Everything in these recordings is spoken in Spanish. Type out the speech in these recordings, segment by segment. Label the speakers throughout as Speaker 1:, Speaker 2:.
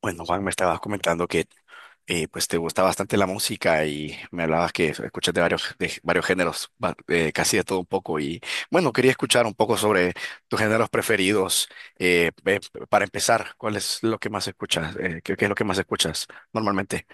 Speaker 1: Bueno, Juan, me estabas comentando que pues te gusta bastante la música y me hablabas que escuchas de varios géneros, casi de todo un poco. Y bueno, quería escuchar un poco sobre tus géneros preferidos. eh, eh, para empezar, ¿cuál es lo que más escuchas? Qué es lo que más escuchas normalmente?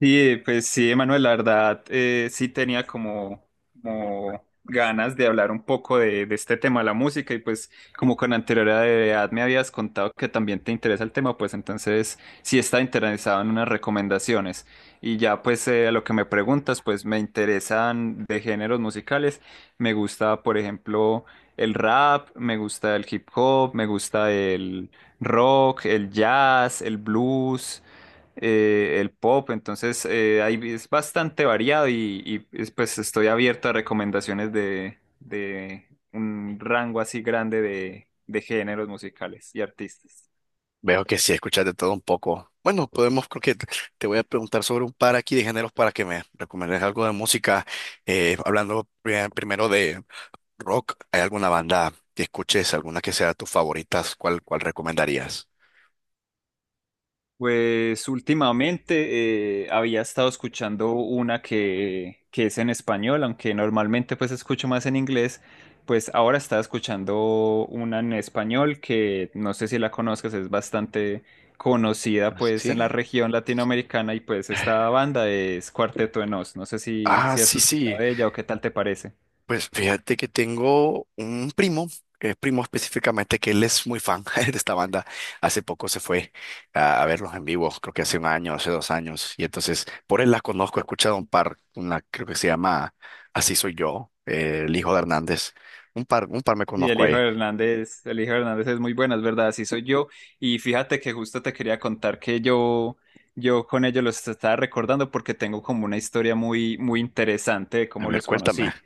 Speaker 2: Sí, pues sí, Emanuel, la verdad, sí tenía como, como ganas de hablar un poco de este tema de la música y pues como con anterioridad me habías contado que también te interesa el tema, pues entonces sí está interesado en unas recomendaciones. Y ya pues a lo que me preguntas, pues me interesan de géneros musicales, me gusta por ejemplo el rap, me gusta el hip hop, me gusta el rock, el jazz, el blues el pop, entonces ahí es bastante variado y pues estoy abierto a recomendaciones de un rango así grande de géneros musicales y artistas.
Speaker 1: Veo que sí escuchas de todo un poco. Bueno, podemos, creo que te voy a preguntar sobre un par aquí de géneros para que me recomiendes algo de música, hablando primero rock, ¿hay alguna banda que escuches, alguna que sea tus favoritas? ¿Cuál, cuál recomendarías?
Speaker 2: Pues últimamente había estado escuchando una que es en español, aunque normalmente pues escucho más en inglés, pues ahora estaba escuchando una en español que no sé si la conozcas, es bastante conocida pues en la
Speaker 1: Sí.
Speaker 2: región latinoamericana y pues esta banda es Cuarteto de Nos, no sé
Speaker 1: Ah,
Speaker 2: si has
Speaker 1: sí,
Speaker 2: escuchado
Speaker 1: sí.
Speaker 2: de ella o qué tal te parece.
Speaker 1: Pues fíjate que tengo un primo, que es primo específicamente, que él es muy fan de esta banda. Hace poco se fue a verlos en vivo, creo que hace un año, hace dos años. Y entonces, por él la conozco, he escuchado un par, una creo que se llama Así Soy Yo, el hijo de Hernández. Un par me
Speaker 2: Y el
Speaker 1: conozco
Speaker 2: hijo
Speaker 1: ahí.
Speaker 2: de Hernández, el hijo de Hernández es muy bueno, es verdad, así soy yo. Y fíjate que justo te quería contar que yo con ellos los estaba recordando porque tengo como una historia muy, muy interesante de
Speaker 1: A
Speaker 2: cómo
Speaker 1: ver,
Speaker 2: los
Speaker 1: cuéntame,
Speaker 2: conocí.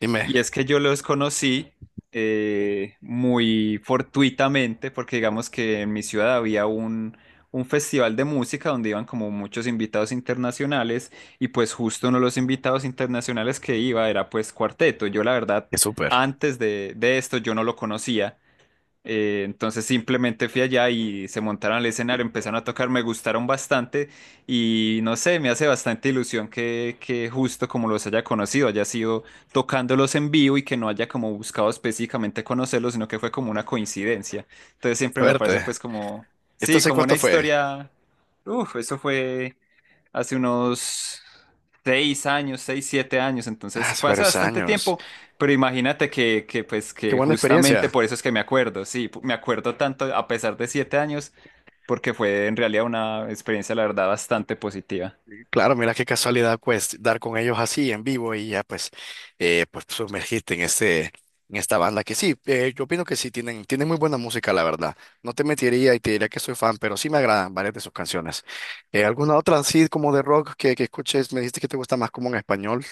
Speaker 1: dime,
Speaker 2: Y es que yo los conocí muy fortuitamente, porque digamos que en mi ciudad había un festival de música donde iban como muchos invitados internacionales, y pues justo uno de los invitados internacionales que iba era pues Cuarteto. Yo la verdad,
Speaker 1: qué súper.
Speaker 2: antes de esto yo no lo conocía, entonces simplemente fui allá y se montaron al escenario, empezaron a tocar, me gustaron bastante y no sé, me hace bastante ilusión que justo como los haya conocido, haya sido tocándolos en vivo y que no haya como buscado específicamente conocerlos, sino que fue como una coincidencia. Entonces siempre me parece
Speaker 1: Suerte.
Speaker 2: pues como,
Speaker 1: ¿Esto
Speaker 2: sí,
Speaker 1: hace
Speaker 2: como una
Speaker 1: cuánto fue?
Speaker 2: historia, uff, eso fue hace unos seis años, seis, siete años, entonces
Speaker 1: Hace
Speaker 2: fue hace
Speaker 1: varios
Speaker 2: bastante
Speaker 1: años.
Speaker 2: tiempo, pero imagínate que pues,
Speaker 1: Qué
Speaker 2: que
Speaker 1: buena
Speaker 2: justamente
Speaker 1: experiencia.
Speaker 2: por eso es que me acuerdo, sí, me acuerdo tanto a pesar de siete años, porque fue en realidad una experiencia, la verdad, bastante positiva.
Speaker 1: Claro, mira qué casualidad, pues, dar con ellos así en vivo y ya, pues, pues sumergirte en esta banda que sí, yo opino que sí tienen, tienen muy buena música, la verdad. No te mentiría y te diría que soy fan, pero sí me agradan varias de sus canciones. ¿Alguna otra así como de rock que escuches? Me dijiste que te gusta más como en español.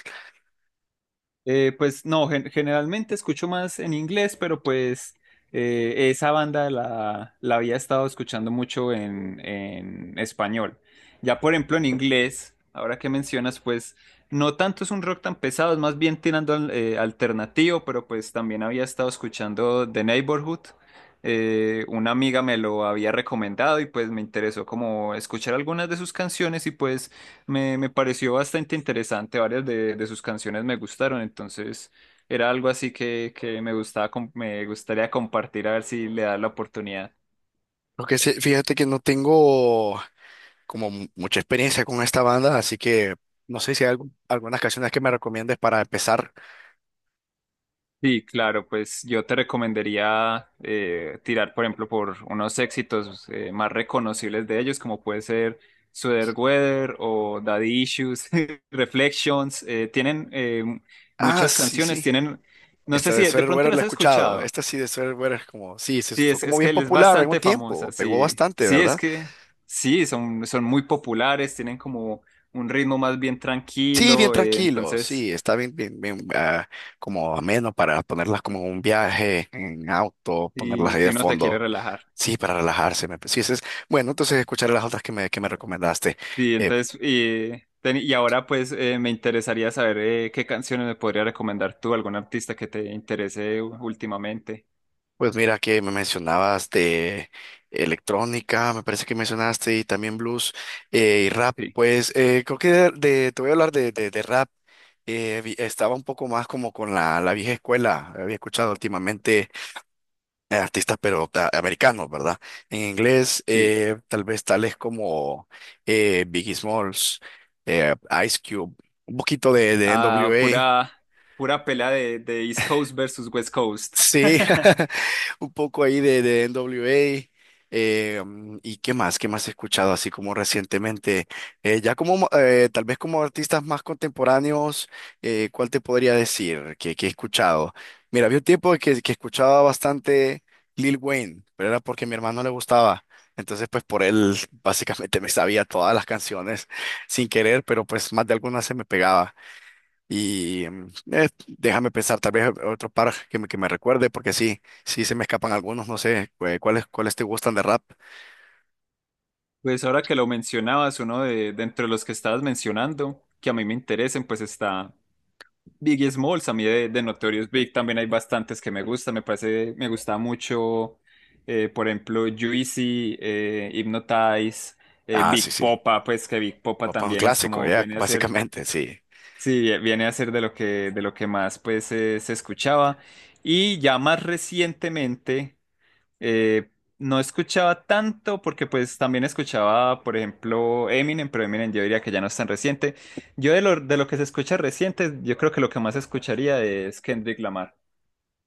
Speaker 2: Pues no, generalmente escucho más en inglés, pero pues esa banda la había estado escuchando mucho en español. Ya por ejemplo en inglés, ahora que mencionas, pues no tanto es un rock tan pesado, es más bien tirando al alternativo, pero pues también había estado escuchando The Neighborhood. Una amiga me lo había recomendado y pues me interesó como escuchar algunas de sus canciones y pues... Me pareció bastante interesante, varias de sus canciones me gustaron, entonces era algo así que me gustaba, me gustaría compartir a ver si le das la oportunidad.
Speaker 1: Porque sí, fíjate que no tengo como mucha experiencia con esta banda, así que no sé si hay algunas canciones que me recomiendes para empezar.
Speaker 2: Sí, claro, pues yo te recomendaría tirar, por ejemplo, por unos éxitos más reconocibles de ellos, como puede ser Sweater Weather o Daddy Issues, Reflections, tienen
Speaker 1: Ah,
Speaker 2: muchas
Speaker 1: sí,
Speaker 2: canciones,
Speaker 1: sí.
Speaker 2: tienen, no
Speaker 1: Esta
Speaker 2: sé si
Speaker 1: de
Speaker 2: de
Speaker 1: Sweater
Speaker 2: pronto
Speaker 1: Weather la he
Speaker 2: las has
Speaker 1: escuchado.
Speaker 2: escuchado.
Speaker 1: Esta sí de Sweater Weather es como, sí, se
Speaker 2: Sí,
Speaker 1: fue como
Speaker 2: es que
Speaker 1: bien
Speaker 2: él es
Speaker 1: popular en un
Speaker 2: bastante
Speaker 1: tiempo,
Speaker 2: famosa,
Speaker 1: pegó
Speaker 2: sí.
Speaker 1: bastante,
Speaker 2: Sí, es
Speaker 1: ¿verdad?
Speaker 2: que sí, son muy populares, tienen como un ritmo más bien
Speaker 1: Sí, bien
Speaker 2: tranquilo,
Speaker 1: tranquilo, sí, está bien, ah, como ameno para ponerlas como en un viaje en auto, ponerlas
Speaker 2: sí,
Speaker 1: ahí de
Speaker 2: si uno se quiere
Speaker 1: fondo.
Speaker 2: relajar.
Speaker 1: Sí, para relajarse. Sí, ese es, bueno, entonces escucharé las otras que me recomendaste.
Speaker 2: Sí,
Speaker 1: Eh,
Speaker 2: entonces, y, y ahora pues me interesaría saber qué canciones me podría recomendar tú, algún artista que te interese últimamente.
Speaker 1: Pues mira que me mencionabas de electrónica, me parece que mencionaste y también blues y rap.
Speaker 2: Sí,
Speaker 1: Pues creo que te voy a hablar de, de rap. Estaba un poco más como con la vieja escuela. Había escuchado últimamente artistas, pero americanos, ¿verdad? En inglés,
Speaker 2: sí.
Speaker 1: tal vez tales como Biggie Smalls, eh, Ice Cube, un poquito de
Speaker 2: Ah,
Speaker 1: NWA.
Speaker 2: pura pelea de East Coast versus West Coast.
Speaker 1: Sí, un poco ahí de NWA. ¿Y qué más? ¿Qué más he escuchado así como recientemente? Tal vez como artistas más contemporáneos, ¿cuál te podría decir que he escuchado? Mira, había un tiempo que escuchaba bastante Lil Wayne, pero era porque a mi hermano le gustaba. Entonces, pues por él básicamente me sabía todas las canciones sin querer, pero pues más de algunas se me pegaba. Y déjame pensar, tal vez otro par que me recuerde, porque sí, sí se me escapan algunos, no sé, ¿cuáles, cuáles te gustan de rap?
Speaker 2: Pues ahora que lo mencionabas, uno de entre los que estabas mencionando, que a mí me interesen, pues está Biggie Smalls, a mí de Notorious Big también hay bastantes que me gustan, me parece, me gusta mucho, por ejemplo, Juicy, Hypnotize,
Speaker 1: Ah, sí,
Speaker 2: Big
Speaker 1: sí,
Speaker 2: Popa, pues que Big Popa
Speaker 1: papá un
Speaker 2: también es
Speaker 1: clásico,
Speaker 2: como,
Speaker 1: ya,
Speaker 2: viene a ser,
Speaker 1: básicamente, sí.
Speaker 2: sí, viene a ser de lo que más pues se escuchaba, y ya más recientemente... Eh, no escuchaba tanto porque pues también escuchaba, por ejemplo, Eminem, pero Eminem yo diría que ya no es tan reciente. Yo de lo que se escucha reciente, yo creo que lo que más escucharía es Kendrick Lamar.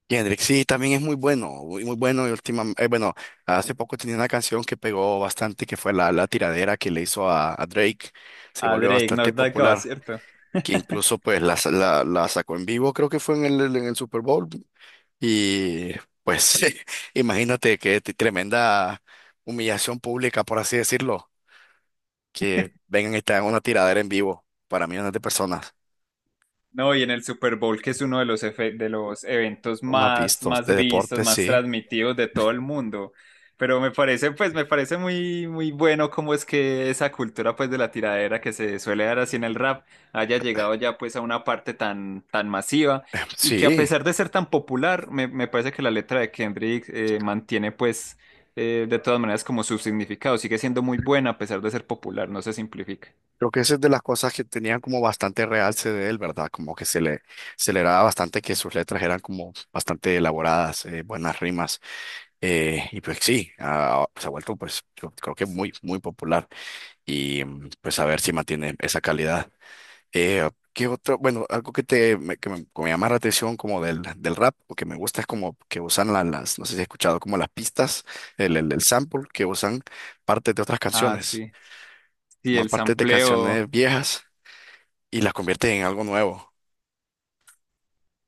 Speaker 1: Kendrick, sí, también es muy bueno, muy, muy bueno, y última, bueno, hace poco tenía una canción que pegó bastante, que fue la tiradera que le hizo a Drake, se
Speaker 2: A
Speaker 1: volvió
Speaker 2: Drake,
Speaker 1: bastante
Speaker 2: Knock That God,
Speaker 1: popular,
Speaker 2: ¿cierto?
Speaker 1: que incluso pues la sacó en vivo, creo que fue en el Super Bowl, y pues imagínate que tremenda humillación pública, por así decirlo, que vengan y te hagan una tiradera en vivo para millones de personas.
Speaker 2: No, y en el Super Bowl, que es uno de los, de los eventos
Speaker 1: Más
Speaker 2: más,
Speaker 1: vistos
Speaker 2: más
Speaker 1: de
Speaker 2: vistos,
Speaker 1: deporte,
Speaker 2: más
Speaker 1: sí.
Speaker 2: transmitidos de todo el mundo. Pero me parece, pues, me parece muy, muy bueno cómo es que esa cultura, pues, de la tiradera que se suele dar así en el rap haya llegado ya, pues, a una parte tan, tan masiva y que a
Speaker 1: Sí,
Speaker 2: pesar de ser tan popular, me parece que la letra de Kendrick mantiene, pues, de todas maneras como su significado. Sigue siendo muy buena a pesar de ser popular, no se simplifica.
Speaker 1: creo que esa es de las cosas que tenían como bastante realce de él, ¿verdad? Como que se le daba bastante que sus letras eran como bastante elaboradas, buenas rimas. Y pues sí, ah, se ha vuelto pues yo creo que muy, muy popular y pues a ver si mantiene esa calidad. ¿Qué otro? Bueno, algo que te me, que me, que me llama la atención como del, del rap o que me gusta es como que usan las, no sé si has escuchado como las pistas, el sample, que usan partes de otras
Speaker 2: Ah,
Speaker 1: canciones,
Speaker 2: sí. Sí,
Speaker 1: toman
Speaker 2: el
Speaker 1: partes de
Speaker 2: sampleo.
Speaker 1: canciones viejas y las convierten en algo nuevo.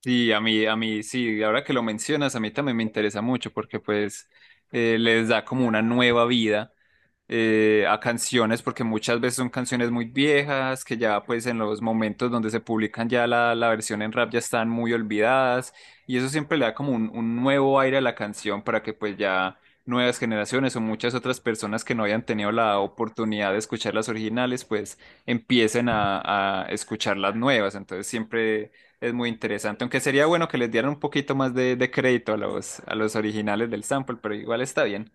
Speaker 2: Sí, a mí, sí, ahora que lo mencionas, a mí también me interesa mucho porque pues les da como una nueva vida a canciones, porque muchas veces son canciones muy viejas, que ya pues en los momentos donde se publican ya la versión en rap ya están muy olvidadas, y eso siempre le da como un nuevo aire a la canción para que pues ya nuevas generaciones o muchas otras personas que no hayan tenido la oportunidad de escuchar las originales, pues empiecen a escuchar las nuevas, entonces siempre es muy interesante, aunque sería bueno que les dieran un poquito más de crédito a los originales del sample, pero igual está bien.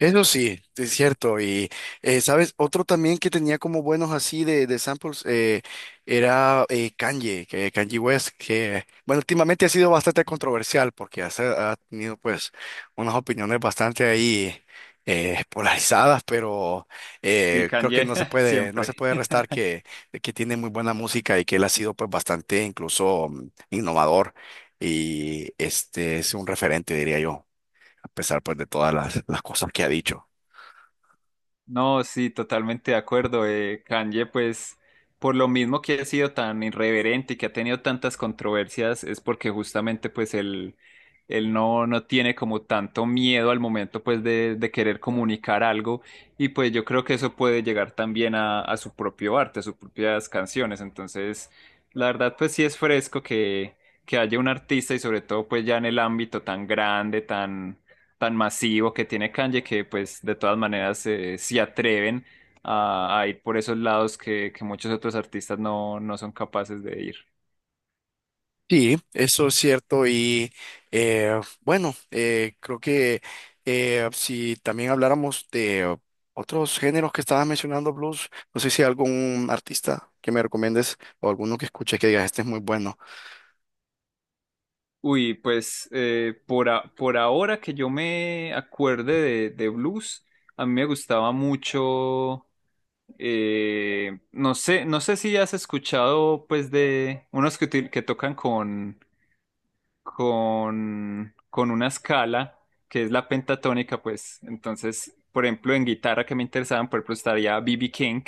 Speaker 1: Eso sí, es cierto. Y, ¿sabes? Otro también que tenía como buenos así de samples era Kanye, que Kanye West, que, bueno, últimamente ha sido bastante controversial porque ha tenido pues unas opiniones bastante ahí polarizadas, pero
Speaker 2: Y
Speaker 1: creo que
Speaker 2: Kanye,
Speaker 1: no se
Speaker 2: siempre.
Speaker 1: puede restar que tiene muy buena música y que él ha sido pues bastante incluso innovador y este es un referente, diría yo a pesar pues de las cosas que ha dicho.
Speaker 2: No, sí, totalmente de acuerdo. Kanye, pues, por lo mismo que ha sido tan irreverente y que ha tenido tantas controversias, es porque justamente, pues, él, no tiene como tanto miedo al momento, pues, de querer comunicar algo. Y pues yo creo que eso puede llegar también a su propio arte, a sus propias canciones. Entonces, la verdad, pues, sí es fresco que haya un artista y sobre todo, pues, ya en el ámbito tan grande, tan masivo que tiene Kanye que pues de todas maneras se atreven a ir por esos lados que muchos otros artistas no son capaces de ir.
Speaker 1: Sí, eso es cierto y bueno, creo que si también habláramos de otros géneros que estabas mencionando, blues, no sé si hay algún artista que me recomiendes o alguno que escuche que digas, este es muy bueno.
Speaker 2: Uy, pues por ahora que yo me acuerde de blues, a mí me gustaba mucho, no sé, no sé si has escuchado pues de unos que tocan con una escala que es la pentatónica, pues entonces, por ejemplo, en guitarra que me interesaban, por ejemplo, estaría B.B. King,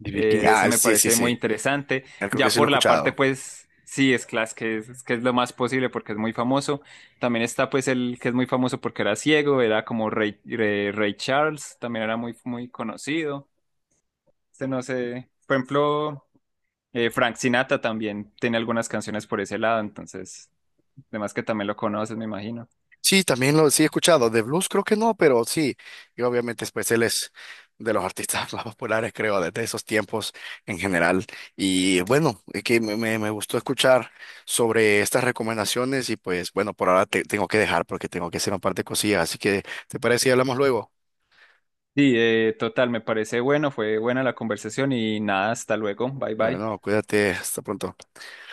Speaker 1: B.B. King,
Speaker 2: ese
Speaker 1: ah,
Speaker 2: me
Speaker 1: sí, sí,
Speaker 2: parece muy
Speaker 1: sí.
Speaker 2: interesante,
Speaker 1: Creo que
Speaker 2: ya
Speaker 1: sí lo he
Speaker 2: por la parte,
Speaker 1: escuchado.
Speaker 2: pues, sí, es class, que es lo más posible porque es muy famoso, también está, pues, el que es muy famoso porque era ciego, era como Ray Charles, también era muy, muy conocido, este no sé, por ejemplo... Frank Sinatra también tiene algunas canciones por ese lado, entonces además que también lo conoces, me imagino.
Speaker 1: Sí, también lo sí he escuchado. De blues creo que no, pero sí. Y obviamente pues él es de los artistas más populares, creo, desde esos tiempos en general. Y bueno, es que me gustó escuchar sobre estas recomendaciones y pues bueno, por ahora te tengo que dejar porque tengo que hacer un par de cosillas. Así que, ¿te parece si hablamos luego?
Speaker 2: Sí, total, me parece bueno, fue buena la conversación y nada, hasta luego, bye
Speaker 1: Bueno,
Speaker 2: bye.
Speaker 1: cuídate, hasta pronto.